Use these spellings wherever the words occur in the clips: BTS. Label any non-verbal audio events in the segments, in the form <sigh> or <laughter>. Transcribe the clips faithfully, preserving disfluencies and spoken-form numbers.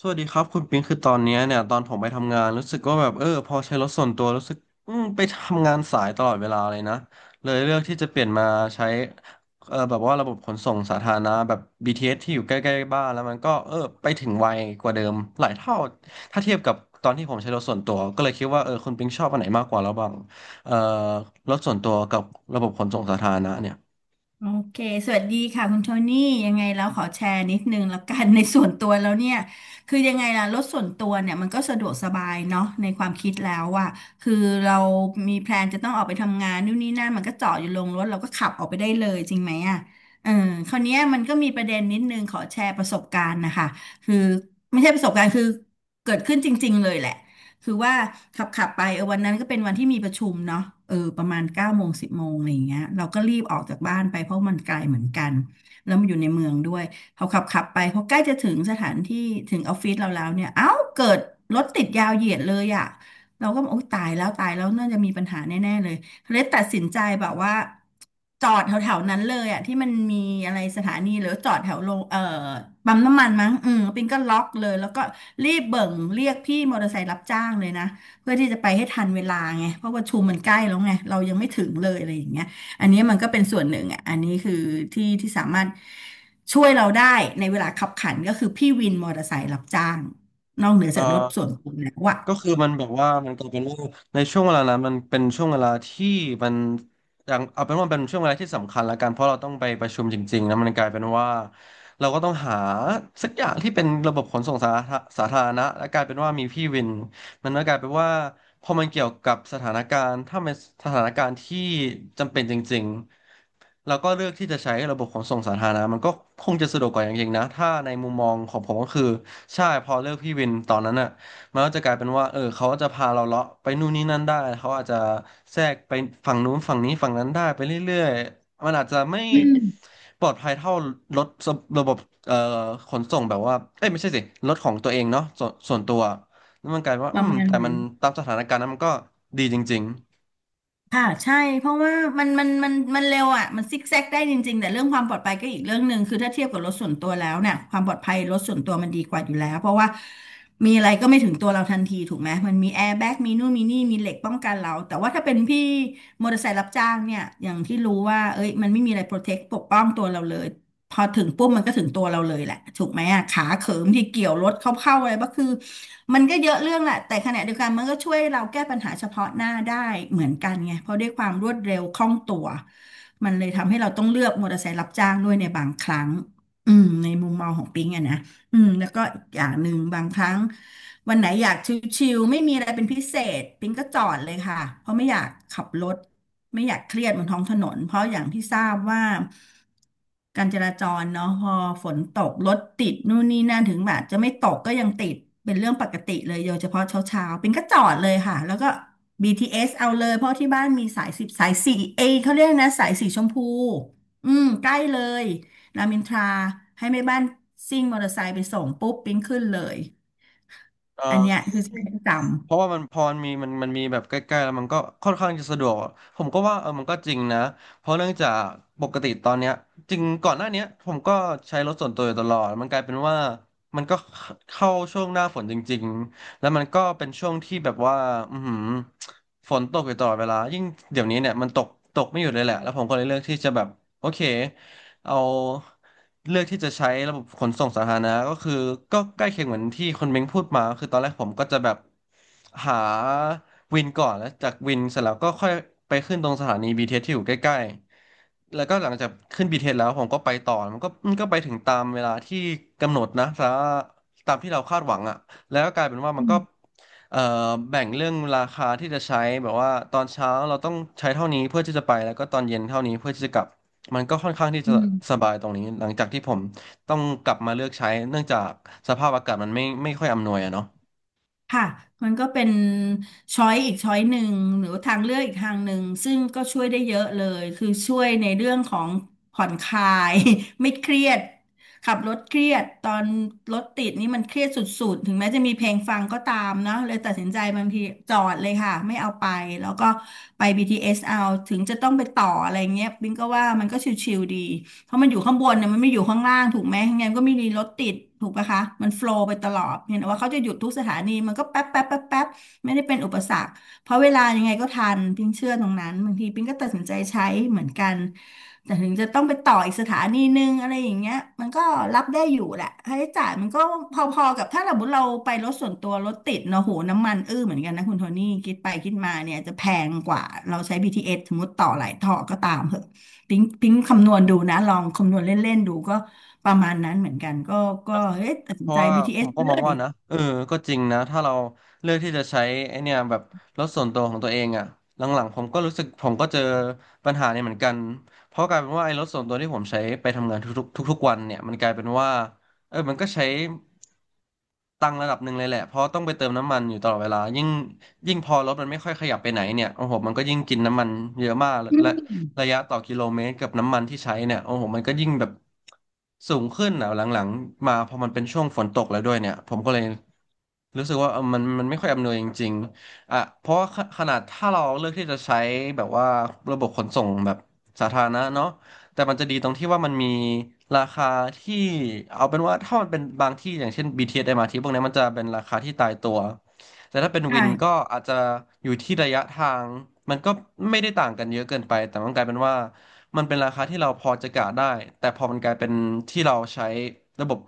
สวัสดีครับคุณปิงคือตอนเนี้ยเนี่ยตอนผมไปทำงานรู้สึกว่าแบบเออพอใช้รถส่วนตัวรู้สึกอืมไปทำงานสายตลอดเวลาเลยนะเลยเลือกที่จะเปลี่ยนมาใช้เออแบบว่าระบบขนส่งสาธารณะแบบ บี ที เอส ทีเอสที่อยู่ใกล้ๆบ้านแล้วมันก็เออไปถึงไวกว่าเดิมหลายเท่าถ้าเทียบกับตอนที่ผมใช้รถส่วนตัวก็เลยคิดว่าเออคุณปิงชอบอันไหนมากกว่าระหว่างเออรถส่วนตัวกับระบบขนส่งสาธารณะเนี่ยโอเคสวัสดีค่ะคุณโทนี่ยังไงแล้วขอแชร์นิดนึงแล้วกัน <laughs> ในส่วนตัวแล้วเนี่ยคือยังไงล่ะรถส่วนตัวเนี่ยมันก็สะดวกสบายเนาะในความคิดแล้วอะคือเรามีแพลนจะต้องออกไปทำงานนู่นนี่นั่นมันก็จอดอยู่ลงรถเราก็ขับออกไปได้เลยจริงไหมอะเออคราวเนี้ยมันก็มีประเด็นนิดนึงขอแชร์ประสบการณ์นะคะคือไม่ใช่ประสบการณ์คือเกิดขึ้นจริงๆเลยแหละ คือว่าขับขับไปเออวันนั้นก็เป็นวันที่มีประชุมเนาะเออประมาณเก้าโมงสิบโมงอะไรอย่างเงี้ยเราก็รีบออกจากบ้านไปเพราะมันไกลเหมือนกันแล้วมันอยู่ในเมืองด้วยเขาขับขับไปพอใกล้จะถึงสถานที่ถึงออฟฟิศเราแล้วเนี่ยเอ้าเกิดรถติดยาวเหยียดเลยอ่ะเราก็บอกโอ๊ยตายแล้วตายแล้วน่าจะมีปัญหาแน่ๆเลย เลยตัดสินใจแบบว่าจอดแถวๆนั้นเลยอ่ะที่มันมีอะไรสถานีหรือจอดแถวโรงเอ่อปั๊มน้ำมันมั้งอืมปิงก็ล็อกเลยแล้วก็รีบเบิ่งเรียกพี่มอเตอร์ไซค์รับจ้างเลยนะเพื่อที่จะไปให้ทันเวลาไงเพราะว่าชุมมันใกล้แล้วไงเรายังไม่ถึงเลยอะไรอย่างเงี้ยอันนี้มันก็เป็นส่วนหนึ่งอ่ะอันนี้คือที่ที่สามารถช่วยเราได้ในเวลาขับขันก็คือพี่วินมอเตอร์ไซค์รับจ้างนอกเหนือเอ่จากรถส่อ วนตัวแล้วอ่ะก็คือมันแบบว่ามันกลายเป็นว่าในช่วงเวลานั้นมันเป็นช่วงเวลาที่มันอย่างเอาเป็นว่าเป็นช่วงเวลาที่สำคัญละกันเพราะเราต้องไปประชุมจริงๆนะมันกลายเป็นว่าเราก็ต้องหาสักอย่างที่เป็นระบบขนส่งสาธาสาธารณะและกลายเป็นว่ามีพี่วินมันก็กลายเป็นว่าพอมันเกี่ยวกับสถานการณ์ถ้ามันสถานการณ์ที่จำเป็นจริง แล้วก็เลือกที่จะใช้ระบบขนส่งสาธารณะมันก็คงจะสะดวกกว่าอย่างยิ่งนะถ้าในมุมมองของผมก็คือใช่พอเลือกพี่วินตอนนั้นอ่ะมันก็จะกลายเป็นว่าเออเขาจะพาเราเลาะไปนู่นนี่นั่นได้เขาอาจจะแทรกไปฝั่งนู้นฝั่งนี้ฝั่งนั้นได้ไปเรื่อยๆมันอาจจะไม่อืมปลอดภัยเท่ารถระบบเอ่อขนส่งแบบว่าเอ้ยไม่ใช่สิรถของตัวเองเนาะส่วนส่วนตัวแล้วมันกลายเป็นว่าปอืระมมาณแต่มันั้นน ตามสถานการณ์นั้นมันก็ดีจริงค่ะใช่เพราะว่ามันมันมันมันเร็วอ่ะมันซิกแซกได้จริงๆแต่เรื่องความปลอดภัยก็อีกเรื่องหนึ่งคือถ้าเทียบกับรถส่วนตัวแล้วเนี่ยความปลอดภัยรถส่วนตัวมันดีกว่าอยู่แล้วเพราะว่ามีอะไรก็ไม่ถึงตัวเราทันทีถูกไหมมันมีแอร์แบ็กมีนู่นมีนี่มีเหล็กป้องกันเราแต่ว่าถ้าเป็นพี่มอเตอร์ไซค์รับจ้างเนี่ยอย่างที่รู้ว่าเอ้ยมันไม่มีอะไรโปรเทคปกป้องตัวเราเลย พอถึงปุ๊บมันก็ถึงตัวเราเลยแหละถูกไหมอ่ะขาเขิมที่เกี่ยวรถเข้าๆอะไรก็คือมันก็เยอะเรื่องแหละแต่ขณะเดียวกันมันก็ช่วยเราแก้ปัญหาเฉพาะหน้าได้เหมือนกันไงเพราะด้วยความรวดเร็วคล่องตัวมันเลยทำให้เราต้องเลือกมอเตอร์ไซค์รับจ้างด้วยในบางครั้งอืมในมุมมองของปิงอะนะ อืมแล้วก็อีกอย่างหนึ่งบางครั้งวันไหนอยากชิลๆไม่มีอะไรเป็นพิเศษปิงก็จอดเลยค่ะเพราะไม่อยากขับรถไม่อยากเครียดบนท้องถนนเพราะอย่างที่ทราบว่าการจราจรเนาะพอฝนตกรถติดนู่นนี่นั่นถึงแบบจะไม่ตกก็ยังติดเป็นเรื่องปกติเลยโดยเฉพาะเช้าเช้าปิงก็จอดเลยค่ะแล้วก็ บี ที เอส เอสเอาเลยเพราะที่บ้านมีสายสิบสายสี่เอยเขาเรียกนะสายสีชมพูอืมใกล้เลย รามอินทราให้แม่บ้านซิ่งมอเตอร์ไซค์ไปส่งปุ๊บปิ๊งขึ้นเลย ๆเอ่อันเนี้ยอ คือใช้ประจเพราะว่ามันพอมันมีมันมันมีแบบใกล้ๆแล้วมันก็ค่อนข้างจะสะดวกผมก็ว่าเออมันก็จริงนะเพราะเนื่องจากปกติตอนเนี้ยจริงก่อนหน้าเนี้ยผมก็ใช้รถส่วนตัวอยู่ตลอดมันกลายเป็นว่ามันก็เข้าช่วงหน้าฝนจริงๆแล้วมันก็เป็นช่วงที่แบบว่าอือหือฝนตกอยู่ตลอดเวลายิ่งเดี๋ยวนี้เนี่ยมันตกตกไม่หยุดเลยแหละแล้วผมก็เลยเลือกที่จะแบบโอเค เอาเลือกที่จะใช้ระบบขนส่งสาธารณะก็คือก็ใกล้เคียงเหมือนที่คนเม้งพูดมาคือตอนแรกผมก็จะแบบหาวินก่อนแล้วจากวินเสร็จแล้วก็ค่อยไปขึ้นตรงสถานี บี ที เอส ทีเอสที่อยู่ใกล้ๆ แล้วก็หลังจากขึ้นเทเอสแล้วผมก็ไปต่อมันก็มันก็ไปถึงตามเวลาที่กำหนดนะสาตามที่เราคาดหวังอ่ะแล้วก็กลายเป็นว่าำมัอืนก็มเอ่อแบ่งเรื่องราคาที่จะใช้แบบว่าตอนเช้าเราต้องใช้เท่านี้เพื่อที่จะไปแล้วก็ตอนเย็นเท่านี้เพื่อที่จะกลับมันก็ค่อนข้างที่อืจะม สบายตรงนี้หลังจากที่ผมต้องกลับมาเลือกใช้เนื่องจากสภาพอากาศมันไม่ไม่ค่อยอำนวยอะเนาะ ค่ะมันก็เป็นช้อยอีกช้อยหนึ่งหรือทางเลือกอีกทางหนึ่งซึ่งก็ช่วยได้เยอะเลยคือช่วยในเรื่องของผ่อนคลาย <laughs> ไม่เครียดขับรถเครียดตอนรถติดนี่มันเครียดสุดๆถึงแม้จะมีเพลงฟังก็ตามเนาะเลยตัดสินใจบางทีจอดเลยค่ะไม่เอาไปแล้วก็ไป บี ที เอส เอสเอาถึงจะต้องไปต่ออะไรเงี้ยบิงก็ว่ามันก็ชิวๆดี เพราะมันอยู่ข้างบนเนี่ยมันไม่อยู่ข้างล่างถูกไหมงั้นก็ไม่มีรถติดถูกปะคะ มันโฟลว์ไปตลอดเห็นว่าเขาจะหยุดทุกสถานีมันก็แป๊บแป๊บแป๊บแป๊บไม่ได้เป็นอุปสรรคเพราะเวลายังไงก็ทันปิงเชื่อตรงนั้นบางทีปิงก็ตัดสินใจใช้เหมือนกันแต่ถึงจะต้องไปต่ออีกสถานีนึงอะไรอย่างเงี้ยมันก็รับได้อยู่แหละค่าใช้จ่ายมันก็พอๆกับถ้าสมมติเราไปรถส่วนตัวรถติดเนอะโหน้ำมันอื้อเหมือนกันนะคุณโทนี่คิดไปคิดมาเนี่ยจะแพงกว่าเราใช้ บี ที เอส สสมมติต่อหลายต่อก็ตามเหอะ ปิ๊งปิ๊งคำนวณดูนะลองคำนวณเล่นๆดูก็ประมาณนั้นเหมือนกันก็ก็เอ๊ะตัดเพสินราะใจ ว่าผ บี ที เอส มก็ไปมเลองยว่านะเออก็จริงนะถ้าเราเลือกที่จะใช้ไอเนี่ยแบบรถส่วนตัวของตัวเองอะหลังๆผมก็รู้สึกผมก็เจอปัญหาเนี่ยเหมือนกันเพราะกลายเป็นว่าไอ้รถส่วนตัวที่ผมใช้ไปทำงานทุกๆทุกๆวันเนี่ยมันกลายเป็นว่าเออมันก็ใช้ตังค์ระดับหนึ่งเลยแหละเพราะต้องไปเติมน้ำมันอยู่ตลอดเวลายิ่งยิ่งพอรถมันไม่ค่อยขยับไปไหนเนี่ยโอ้โหมันก็ยิ่งกินน้ำมันเยอะมากอืและ มระยะต่อกิโลเมตรกับน้ำมันที่ใช้เนี่ยโอ้โหมันก็ยิ่งแบบสูงขึ้นอ่ะหลังๆมาพอมันเป็นช่วงฝนตกแล้วด้วยเนี่ยผมก็เลยรู้สึกว่าเออมันมันไม่ค่อยอำนวยจริงๆอ่ะเพราะว่าขขนาดถ้าเราเลือกที่จะใช้แบบว่าระบบขนส่งแบบสาธารณะเนาะแต่มันจะดีตรงที่ว่ามันมีราคาที่เอาเป็นว่าถ้ามันเป็นบางที่อย่างเช่น บี ที เอส m ท t พวกนี้มันจะเป็นราคาที่ตายตัว แต่ถ้าเป็นวินก็ใช่อาจจะอยู่ที่ระยะทางมันก็ไม่ได้ต่างกันเยอะเกินไปแต่มันกลายเป็นว่ามันเป็นราคาที่เราพอจะกะได้แต่พอมันกลายเป็นที่เราใช้ระบบ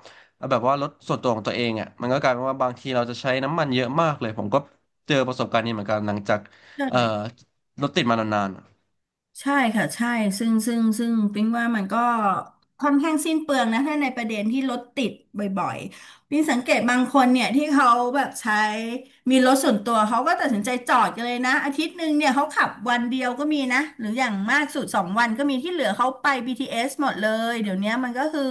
แบบว่ารถส่วนตัวของตัวเองอ่ะมันก็กลายเป็นว่าบางทีเราจะใช้น้ำมันเยอะมากเลยผมก็เจอประสบการณ์นี้เหมือนกันหลังจากใชเอ่อ่ รถติดมานานๆ ใช่ค่ะใช่ซึ่งซึ่งซึ่งปิ๊งว่ามันก็ค่อนข้างสิ้นเปลืองนะถ้าในประเด็นที่รถติดบ่อยๆปิ๊งสังเกตบางคนเนี่ยที่เขาแบบใช้มีรถส่วนตัวเขาก็ตัดสินใจจอดกันเลยนะอาทิตย์หนึ่งเนี่ยเขาขับวันเดียวก็มีนะหรืออย่างมากสุดสองวันก็มีที่เหลือเขาไป บี ที เอส หมดเลยเดี๋ยวเนี้ยมันก็คือ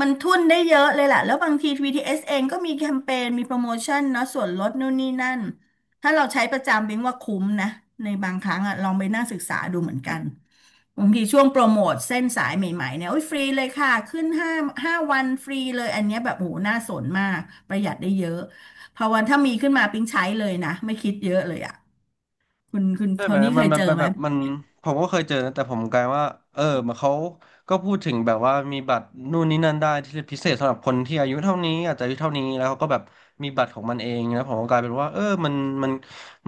มันทุ่นได้เยอะเลยแหละแล้วบางทีบีทีเ t สเองก็มีแคมเปญมีโปรโมชั่นเนาะส่วนลดนู่นนี่นั่น ถ้าเราใช้ประจำบิงว่าคุ้มนะในบางครั้งอะลองไปนั่งศึกษาดูเหมือนกันบางทีช่วงโปรโมทเส้นสายใหม่ๆเนี่ยโอ้ยฟรีเลยค่ะขึ้นห้าห้าวันฟรีเลยอันเนี้ยแบบโหน่าสนมากประหยัดได้เยอะพอวันถ้ามีขึ้นมาปิ๊งใช้เลยนะไม่คิดเยอะเลยอะคุณคุณใช่โทไหมนี่เคมันยมันเจอมันไหมแบบมันผมก็เคยเจอนะแต่ผมกลายว่าเออมันเขาก็พูดถึงแบบว่ามีบัตรนู่นนี่นั่นได้ที่พิเศษสำหรับคนที่อายุเท่านี้อาจจะอายุเท่านี้แล้วเขาก็แบบมีบัตรของมันเองนะผมก็กลายเป็นว่าเออมันมัน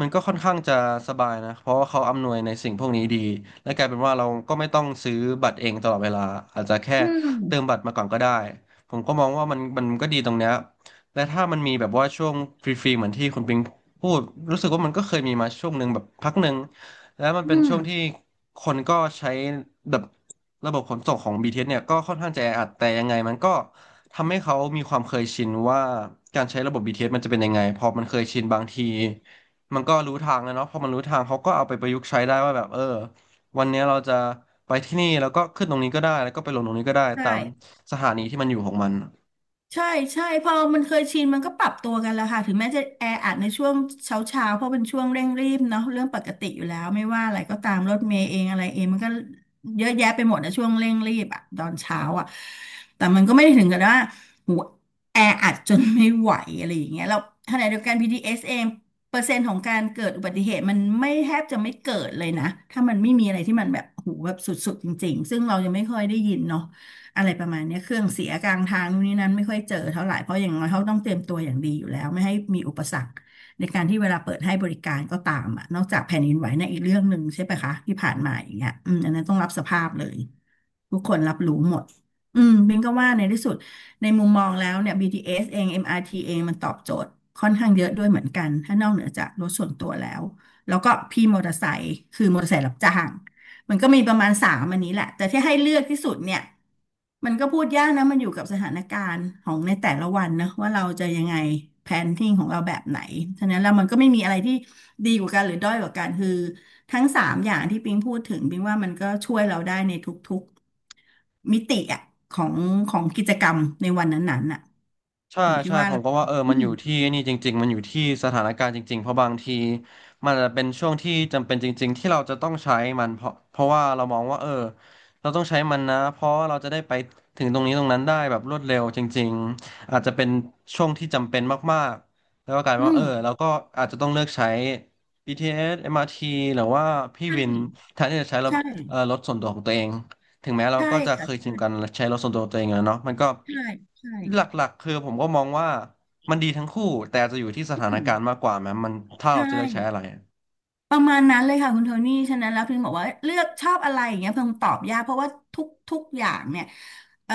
มันก็ค่อนข้างจะสบายนะเพราะว่าเขาอำนวยในสิ่งพวกนี้ดีและกลายเป็นว่าเราก็ไม่ต้องซื้อบัตรเองตลอดเวลาอาจจะแค่อืมเติมบัตรมาก่อนก็ได้ผมก็มองว่ามันมันก็ดีตรงเนี้ยและถ้ามันมีแบบว่าช่วงฟรีๆเหมือนที่คุณปิง พูดรู้สึกว่ามันก็เคยมีมาช่วงหนึ่งแบบพักหนึ่งแล้วมันเป็อืนมช่วงที่คนก็ใช้แบบระบบขนส่งของ b ท s เอสเนี่ยก็ค่อนข้างจะแออัดแต่ยังไงมันก็ทำให้เขามีความเคยชินว่าการใช้ระบบบีทีเ t สมันจะเป็นยังไงพอมันเคยชินบางทีมันก็รู้ทางแล้วเนาะพอมันรู้ทางเขาก็เอาไปประยุกต์ใช้ได้ว่าแบบเออวันเนี้ยเราจะไปที่นี่แล้วก็ขึ้นตรงนี้ก็ได้แล้วก็ไปลงตรงนี้ก็ได้ใชตาม่ สถานีที่มันอยู่ของมัน ใช่ใช่พอมันเคยชินมันก็ปรับตัวกันแล้วค่ะถึงแม้จะแออัดในช่วงเช้าเช้าเพราะเป็นช่วงเร่งรีบเนาะเรื่องปกติอยู่แล้วไม่ว่าอะไรก็ตามรถเมล์เองอะไรเองมันก็เยอะแยะไปหมดในช่วงเร่งรีบอะตอนเช้าอะแต่มันก็ไม่ได้ถึงกับว่าหูแออัดจนไม่ไหวอะไรอย่างเงี้ยแล้วขณะเดียวกัน บี ที เอส เอสเองเปอร์เซ็นต์ของการเกิดอุบัติเหตุมันไม่แทบจะไม่เกิดเลยนะถ้ามันไม่มีอะไรที่มันแบบหูแบบสุดๆจริงๆซึ่งเรายังไม่ค่อยได้ยินเนาะ อะไรประมาณเนี้ยเครื่องเสียกลางทางนู่นนี่นั้นไม่ค่อยเจอเท่าไหร่เพราะอย่างน้อยเขาต้องเตรียมตัวอย่างดีอยู่แล้วไม่ให้มีอุปสรรคในการที่เวลาเปิดให้บริการก็ตามอ่ะนอกจากแผ่นดินไหวในะอีกเรื่องหนึ่งใช่ไหมคะที่ผ่านมาอย่างเงี้ยอืมอันนั้นต้องรับสภาพเลยทุกคนรับรู้หมดอืมบิงก็ว่าในที่สุดในมุมมองแล้วเนี่ย บี ที เอส เอสเอง เอ็ม อาร์ ที เองมันตอบโจทย์ค่อนข้างเยอะด้วยเหมือนกันถ้านอกเหนือจากรถส่วนตัวแล้วแล้วก็พี่มอเตอร์ไซค์คือมอเตอร์ไซค์รับจ้าง มันก็มีประมาณสามอันนี้แหละแต่ที่ให้เลือกที่สุดเนี่ยมันก็พูดยากนะมันอยู่กับสถานการณ์ของในแต่ละวันนะว่าเราจะยังไงแพนทิ้งของเราแบบไหนฉะนั้นแล้วมันก็ไม่มีอะไรที่ดีกว่ากันหรือด้อยกว่ากันคือทั้งสามอย่างที่ปิงพูดถึงปิงว่ามันก็ช่วยเราได้ในทุกๆมิติอะของของกิจกรรมในวันนั้นๆน่ะใช่อยู่ที่ใช่ว่าผมเราก็ว่าเอออืมันมอยู่ที่นี่จริงๆมันอยู่ที่สถานการณ์จริงๆเพราะบางทีมันอาจจะเป็นช่วงที่จำเป็นจริงๆที่เราจะต้องใช้มันเพราะเพราะว่าเรามองว่าเออเราต้องใช้มันนะเพราะเราจะได้ไปถึงตรงนี้ตรงนั้นได้แบบรวดเร็วจริงๆอาจจะเป็นช่วงที่จำเป็นมากๆแล้วก็กลายเป็อืนว่ามเออเราก็อาจจะต้องเลือกใช้ บี ที เอส เอ็ม อาร์ ที หรือว่าพี่ใช่วินแทนที่จะใช้รถใช่เอ่อรถส่วนตัวของตัวเองถึงแม้เราใช่ก็จะเคค่ะยชิใช่นกันใช้รถส่วนตัวของตัวเองแล้วเนาะมันก็ ใช่ใช่หลักๆคือผมก็มองว่ามันดีทั้งคู่แต่จะอยู่ที่สถานอืมการณ์มากกว่าแม้มันถ้าเราใช่ จะเลือกใช้อะไรประมาณนั้นเลยค่ะคุณโทนี่ฉะนั้นแล้วพิงบอกว่าเลือกชอบอะไรอย่างเงี้ยพิงตอบยากเพราะว่าทุกทุกอย่างเนี่ยเอ่อ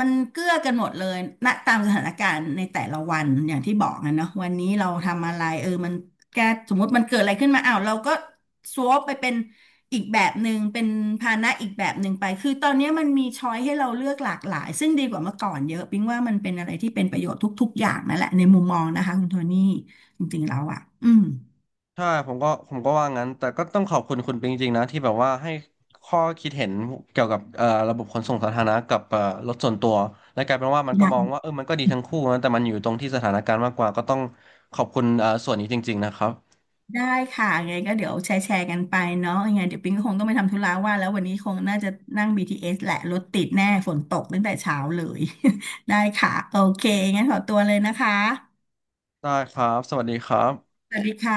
มันเกื้อกันหมดเลยณตามสถานการณ์ในแต่ละวันอย่างที่บอกนะเนาะวันนี้เราทำอะไรเออมันแกสมมติมันเกิดอะไรขึ้นมาอ้าวเราก็สวอปไปเป็นอีกแบบหนึ่งเป็นภาณะอีกแบบหนึ่งไปคือตอนเนี้ยมันมีช้อยให้เราเลือกหลากหลายซึ่งดีกว่าเมื่อก่อนเยอะพิงว่ามันเป็นอะไรที่เป็นประโยชน์ทุกๆอย่างนั่นแหละในมุมมองนะคะคุณโทนี่จริงๆแล้วอ่ะอืม ใช่ผมก็ผมก็ว่างั้นแต่ก็ต้องขอบคุณคุณปิงจริงๆนะที่แบบว่าให้ข้อคิดเห็นเกี่ยวกับเอ่อระบบขนส่งสาธารณะกับเอ่อรถส่วนตัวและกลายเป็นว่ามันก็ได้มองว่าเออมันก็ดีทั้งคู่นะแต่มันอยู่ตรงที่สถานการณ์มากกว่าก็ต้องขอบคุณเอ่อส่วนนี้จริงๆนะครับได้ค่ะยังไงก็เดี๋ยวแชร์แชร์กันไปเนาะยังไงเดี๋ยวปิงก็คงต้องไปทำธุระว่าแล้ววันนี้คงน่าจะนั่ง บี ที เอส แหละรถติดแน่ฝนตกตั้งแต่เช้าเลย <laughs> ได้ค่ะโอเคงั้นขอตัวเลยนะคะได้ครับสวัสดีครับสวัสดีค่ะ